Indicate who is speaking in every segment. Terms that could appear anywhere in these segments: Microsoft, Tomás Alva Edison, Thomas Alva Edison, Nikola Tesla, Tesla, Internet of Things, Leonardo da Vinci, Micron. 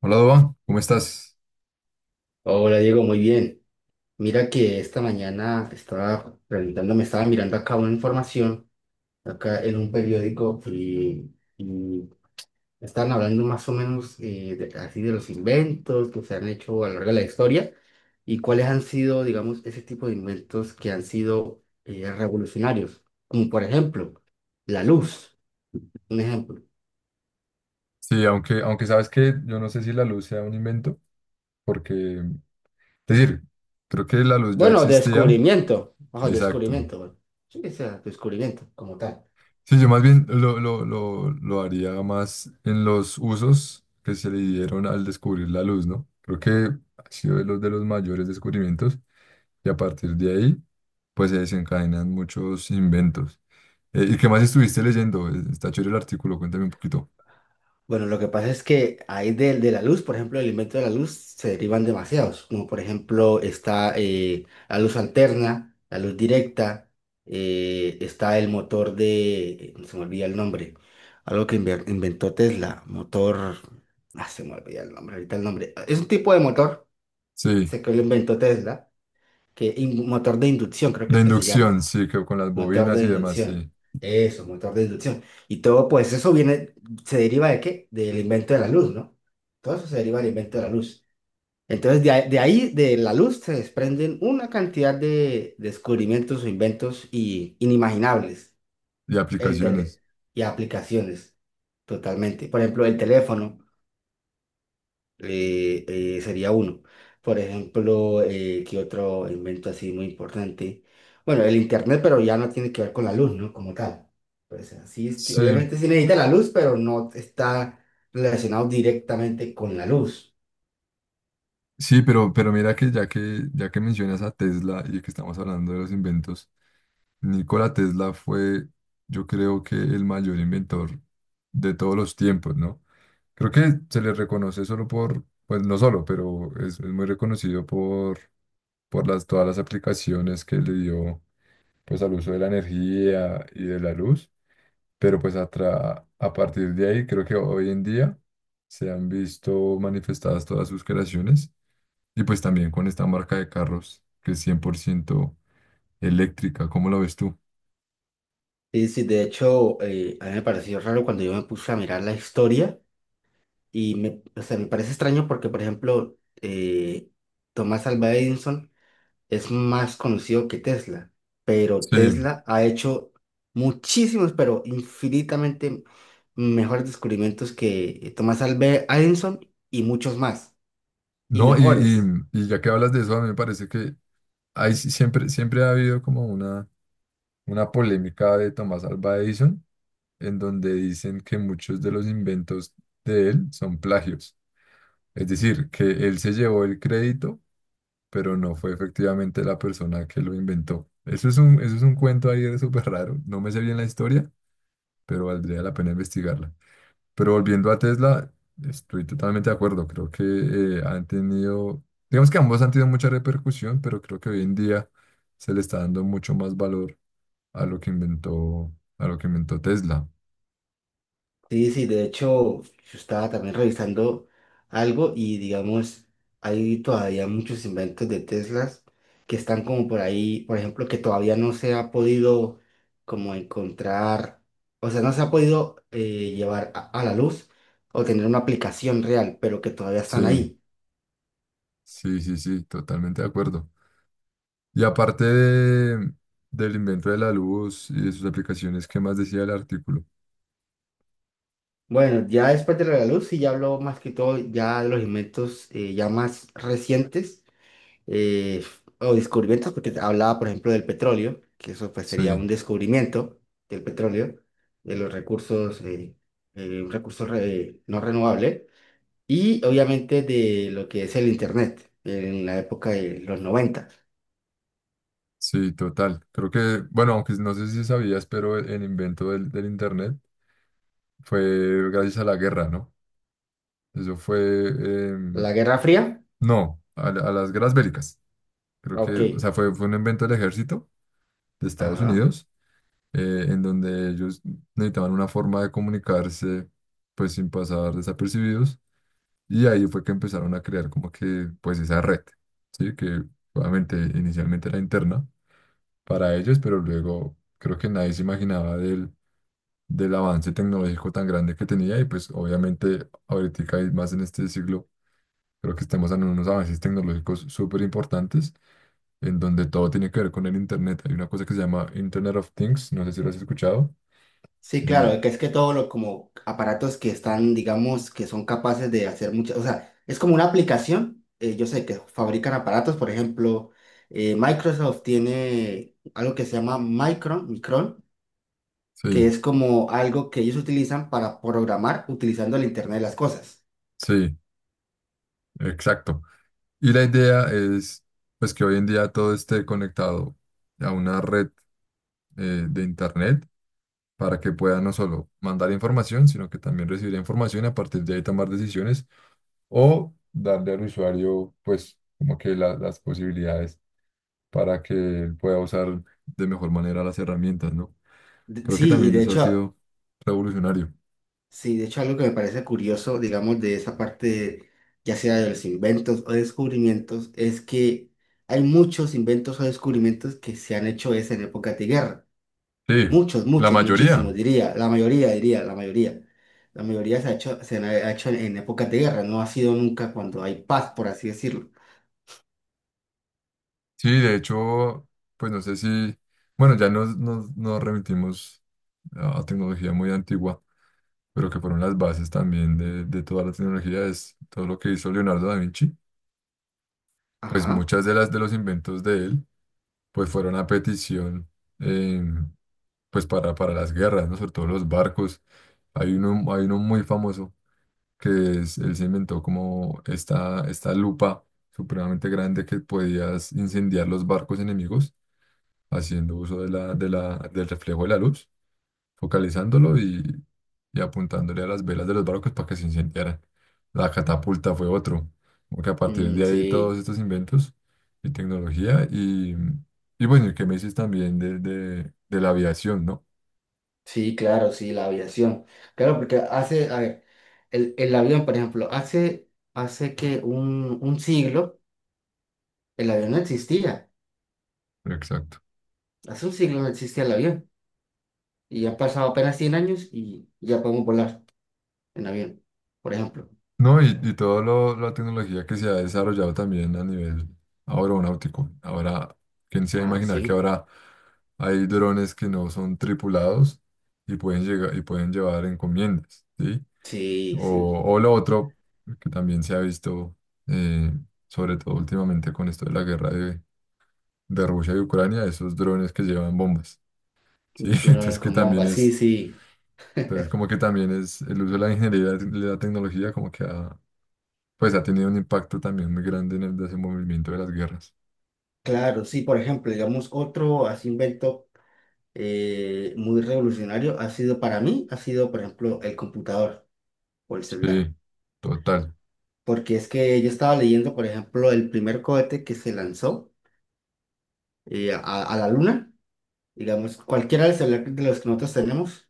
Speaker 1: Hola, Doba, ¿cómo estás?
Speaker 2: Hola Diego, muy bien. Mira que esta mañana estaba preguntando, me estaba mirando acá una información, acá en un periódico, y estaban hablando más o menos así de los inventos que se han hecho a lo largo de la historia y cuáles han sido, digamos, ese tipo de inventos que han sido revolucionarios, como por ejemplo la luz, un ejemplo.
Speaker 1: Sí, aunque sabes que yo no sé si la luz sea un invento, porque, es decir, creo que la luz ya
Speaker 2: Bueno,
Speaker 1: existía.
Speaker 2: descubrimiento, ojo,
Speaker 1: Exacto.
Speaker 2: descubrimiento, bueno, sí, o sea, descubrimiento como tal.
Speaker 1: Sí, yo más bien lo haría más en los usos que se le dieron al descubrir la luz, ¿no? Creo que ha sido de los mayores descubrimientos y a partir de ahí, pues se desencadenan muchos inventos. ¿Y qué más estuviste leyendo? Está chévere el artículo, cuéntame un poquito.
Speaker 2: Bueno, lo que pasa es que hay de la luz, por ejemplo, el invento de la luz se derivan demasiados, como por ejemplo está la luz alterna, la luz directa, está el motor de, se me olvida el nombre, algo que inventó Tesla, motor, ah, se me olvida el nombre, ahorita el nombre, es un tipo de motor,
Speaker 1: Sí,
Speaker 2: sé que lo inventó Tesla, que motor de inducción creo que
Speaker 1: de
Speaker 2: es que se
Speaker 1: inducción,
Speaker 2: llama.
Speaker 1: sí, que con las
Speaker 2: Motor
Speaker 1: bobinas
Speaker 2: de
Speaker 1: y demás,
Speaker 2: inducción.
Speaker 1: sí.
Speaker 2: Eso, motor de inducción. Y todo, pues eso viene, se deriva de qué? Del invento de la luz, ¿no? Todo eso se deriva del invento de la luz. Entonces, de ahí, de la luz, se desprenden una cantidad de descubrimientos o inventos y, inimaginables.
Speaker 1: Y
Speaker 2: El tele
Speaker 1: aplicaciones.
Speaker 2: Y aplicaciones, totalmente. Por ejemplo, el teléfono sería uno. Por ejemplo, ¿qué otro invento así muy importante? Bueno, el internet, pero ya no tiene que ver con la luz, ¿no? Como tal. Pues así, este,
Speaker 1: Sí,
Speaker 2: obviamente sí necesita la luz, pero no está relacionado directamente con la luz.
Speaker 1: sí, pero mira que ya que mencionas a Tesla y que estamos hablando de los inventos, Nikola Tesla fue, yo creo que el mayor inventor de todos los tiempos, ¿no? Creo que se le reconoce solo por, pues no solo, pero es muy reconocido por las, todas las aplicaciones que le dio pues al uso de la energía y de la luz. Pero pues a partir de ahí, creo que hoy en día se han visto manifestadas todas sus creaciones y pues también con esta marca de carros que es 100% eléctrica. ¿Cómo lo ves tú?
Speaker 2: Sí, sí, de hecho, a mí me pareció raro cuando yo me puse a mirar la historia y me, o sea, me parece extraño porque, por ejemplo, Tomás Alva Edison es más conocido que Tesla, pero
Speaker 1: Sí,
Speaker 2: Tesla ha hecho muchísimos, pero infinitamente mejores descubrimientos que Thomas Alva Edison y muchos más, y
Speaker 1: no, y, y-
Speaker 2: mejores.
Speaker 1: y ya que hablas de eso, a mí me parece que hay, siempre ha habido como una polémica de Tomás Alva Edison, en donde dicen que muchos de los inventos de él son plagios. Es decir, que él se llevó el crédito pero no fue efectivamente la persona que lo inventó. Eso es un cuento ahí súper raro. No me sé bien la historia, pero valdría la pena investigarla. Pero volviendo a Tesla, estoy totalmente de acuerdo. Creo que han tenido, digamos que ambos han tenido mucha repercusión, pero creo que hoy en día se le está dando mucho más valor a lo que inventó, a lo que inventó Tesla.
Speaker 2: Sí, sí, de hecho, yo estaba también revisando algo y digamos, hay todavía muchos inventos de Teslas que están como por ahí, por ejemplo, que todavía no se ha podido como encontrar, o sea, no se ha podido llevar a la luz o tener una aplicación real, pero que todavía
Speaker 1: Sí,
Speaker 2: están ahí.
Speaker 1: sí, sí, sí, totalmente de acuerdo. Y del invento de la luz y de sus aplicaciones, ¿qué más decía el artículo?
Speaker 2: Bueno, ya después de lo de la luz, sí, ya hablo más que todo ya de los inventos ya más recientes eh, o descubrimientos, porque hablaba, por ejemplo, del petróleo, que eso pues sería
Speaker 1: Sí,
Speaker 2: un descubrimiento del petróleo, de los recursos, un no renovable, y obviamente de lo que es el Internet en la época de los 90.
Speaker 1: sí, total. Creo que, bueno, aunque no sé si sabías, pero el invento del Internet fue gracias a la guerra, ¿no? Eso fue,
Speaker 2: La Guerra Fría,
Speaker 1: no, a las guerras bélicas. Creo que,
Speaker 2: ok,
Speaker 1: o sea, fue un invento del ejército de Estados
Speaker 2: ajá.
Speaker 1: Unidos, en donde ellos necesitaban una forma de comunicarse, pues sin pasar desapercibidos, y ahí fue que empezaron a crear como que, pues esa red, ¿sí? Que obviamente inicialmente era interna para ellos, pero luego creo que nadie se imaginaba del avance tecnológico tan grande que tenía y pues obviamente ahorita y más en este siglo creo que estamos en unos avances tecnológicos súper importantes en donde todo tiene que ver con el Internet. Hay una cosa que se llama Internet of Things, no sé si lo has escuchado.
Speaker 2: Sí,
Speaker 1: Y
Speaker 2: claro, que es que todos los como aparatos que están, digamos, que son capaces de hacer muchas, o sea, es como una aplicación, yo sé que fabrican aparatos, por ejemplo, Microsoft tiene algo que se llama Micron, que
Speaker 1: sí,
Speaker 2: es como algo que ellos utilizan para programar utilizando el Internet de las cosas.
Speaker 1: sí, exacto. Y la idea es pues que hoy en día todo esté conectado a una red de Internet para que pueda no solo mandar información, sino que también recibir información y a partir de ahí tomar decisiones o darle al usuario, pues, como que las posibilidades para que él pueda usar de mejor manera las herramientas, ¿no?
Speaker 2: De-
Speaker 1: Creo que
Speaker 2: Sí, y
Speaker 1: también
Speaker 2: de
Speaker 1: eso ha
Speaker 2: hecho
Speaker 1: sido revolucionario.
Speaker 2: Sí, de hecho algo que me parece curioso, digamos, de esa parte, ya sea de los inventos o descubrimientos, es que hay muchos inventos o descubrimientos que se han hecho es en épocas de guerra.
Speaker 1: Sí,
Speaker 2: Muchos,
Speaker 1: la
Speaker 2: muchos, muchísimos,
Speaker 1: mayoría.
Speaker 2: diría, la mayoría, diría, la mayoría. La mayoría se ha hecho, ha hecho en épocas de guerra, no ha sido nunca cuando hay paz, por así decirlo.
Speaker 1: Sí, de hecho, pues no sé si, bueno, ya nos remitimos a tecnología muy antigua, pero que fueron las bases también de toda la tecnología, es todo lo que hizo Leonardo da Vinci pues
Speaker 2: Ajá.
Speaker 1: muchas de las de los inventos de él, pues fueron a petición, eh, pues para las guerras, ¿no? Sobre todo los barcos. Hay uno muy famoso que es, él se inventó como esta lupa supremamente grande que podías incendiar los barcos enemigos haciendo uso de del reflejo de la luz focalizándolo y apuntándole a las velas de los barcos para que se incendiaran. La catapulta fue otro, porque a partir de
Speaker 2: Mm,
Speaker 1: ahí todos
Speaker 2: sí,
Speaker 1: estos inventos y tecnología y bueno, y que me dices también de la aviación, ¿no?
Speaker 2: sí, claro, sí, la aviación. Claro, porque hace, a ver, el avión, por ejemplo, hace que un siglo el avión no existía.
Speaker 1: Exacto.
Speaker 2: Hace un siglo no existía el avión. Y han pasado apenas 100 años y ya podemos volar en avión, por ejemplo.
Speaker 1: No, y toda la tecnología que se ha desarrollado también a nivel aeronáutico. Ahora, ¿quién se va a
Speaker 2: Ah,
Speaker 1: imaginar que
Speaker 2: sí.
Speaker 1: ahora hay drones que no son tripulados y pueden llegar y pueden llevar encomiendas, ¿sí?
Speaker 2: Sí, sí.
Speaker 1: O lo otro, que también se ha visto, eh, sobre todo últimamente con esto de la guerra de Rusia y Ucrania, esos drones que llevan bombas, ¿sí?
Speaker 2: Drones con bombas. Sí, sí.
Speaker 1: Entonces como que también es el uso de la ingeniería y la tecnología como que ha, pues ha tenido un impacto también muy grande en el desenvolvimiento de las guerras.
Speaker 2: Claro, sí. Por ejemplo, digamos, otro así invento muy revolucionario ha sido para mí, ha sido, por ejemplo, el computador o el celular.
Speaker 1: Sí, total.
Speaker 2: Porque es que yo estaba leyendo, por ejemplo, el primer cohete que se lanzó a la luna. Digamos, cualquiera de los celulares de los que nosotros tenemos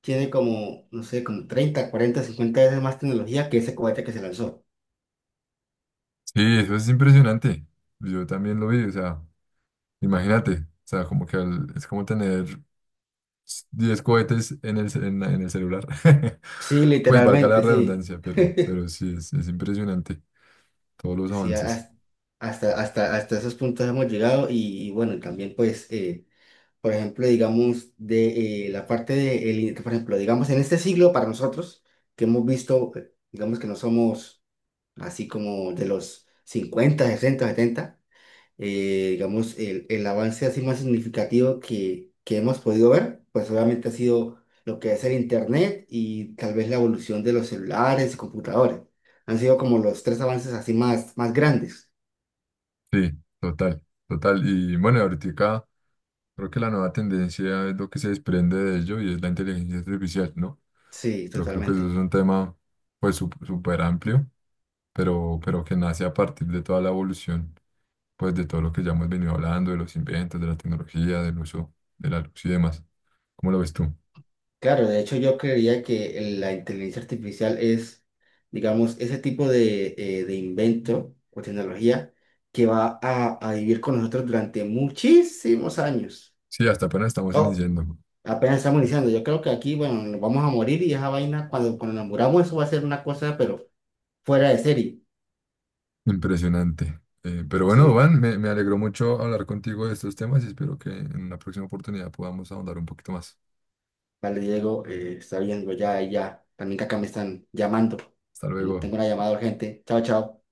Speaker 2: tiene como, no sé, como 30, 40, 50 veces más tecnología que ese cohete que se lanzó.
Speaker 1: Sí, eso es impresionante. Yo también lo vi, o sea, imagínate, o sea, como que es como tener 10 cohetes en el, ce- en la- en el celular.
Speaker 2: Sí,
Speaker 1: Pues valga la
Speaker 2: literalmente, sí.
Speaker 1: redundancia, pero sí, es impresionante todos los
Speaker 2: Sí,
Speaker 1: avances.
Speaker 2: hasta esos puntos hemos llegado y bueno, también pues, por ejemplo, digamos, de la parte de, por ejemplo, digamos, en este siglo para nosotros, que hemos visto, digamos que no somos así como de los 50, 60, 70 digamos, el avance así más significativo que hemos podido ver, pues obviamente ha sido lo que es el Internet y tal vez la evolución de los celulares y computadores. Han sido como los tres avances así más, más grandes.
Speaker 1: Sí, total, total. Y bueno, ahorita creo que la nueva tendencia es lo que se desprende de ello y es la inteligencia artificial, ¿no?
Speaker 2: Sí,
Speaker 1: Pero creo que eso
Speaker 2: totalmente.
Speaker 1: es un tema pues súper amplio, pero que nace a partir de toda la evolución, pues de todo lo que ya hemos venido hablando, de los inventos, de la tecnología, del uso de la luz y demás. ¿Cómo lo ves tú?
Speaker 2: Claro, de hecho yo creería que la inteligencia artificial es, digamos, ese tipo de invento o tecnología que va a vivir con nosotros durante muchísimos años.
Speaker 1: Sí, hasta apenas estamos
Speaker 2: O
Speaker 1: iniciando.
Speaker 2: apenas estamos iniciando. Yo creo que aquí, bueno, nos vamos a morir y esa vaina, cuando nos muramos, eso va a ser una cosa, pero fuera de serie.
Speaker 1: Impresionante. Pero bueno,
Speaker 2: Sí,
Speaker 1: Van, me alegró mucho hablar contigo de estos temas y espero que en una próxima oportunidad podamos ahondar un poquito más.
Speaker 2: vale, Diego, está viendo ya, ya. También que acá me están llamando.
Speaker 1: Hasta luego.
Speaker 2: Tengo una llamada urgente. Chao, chao.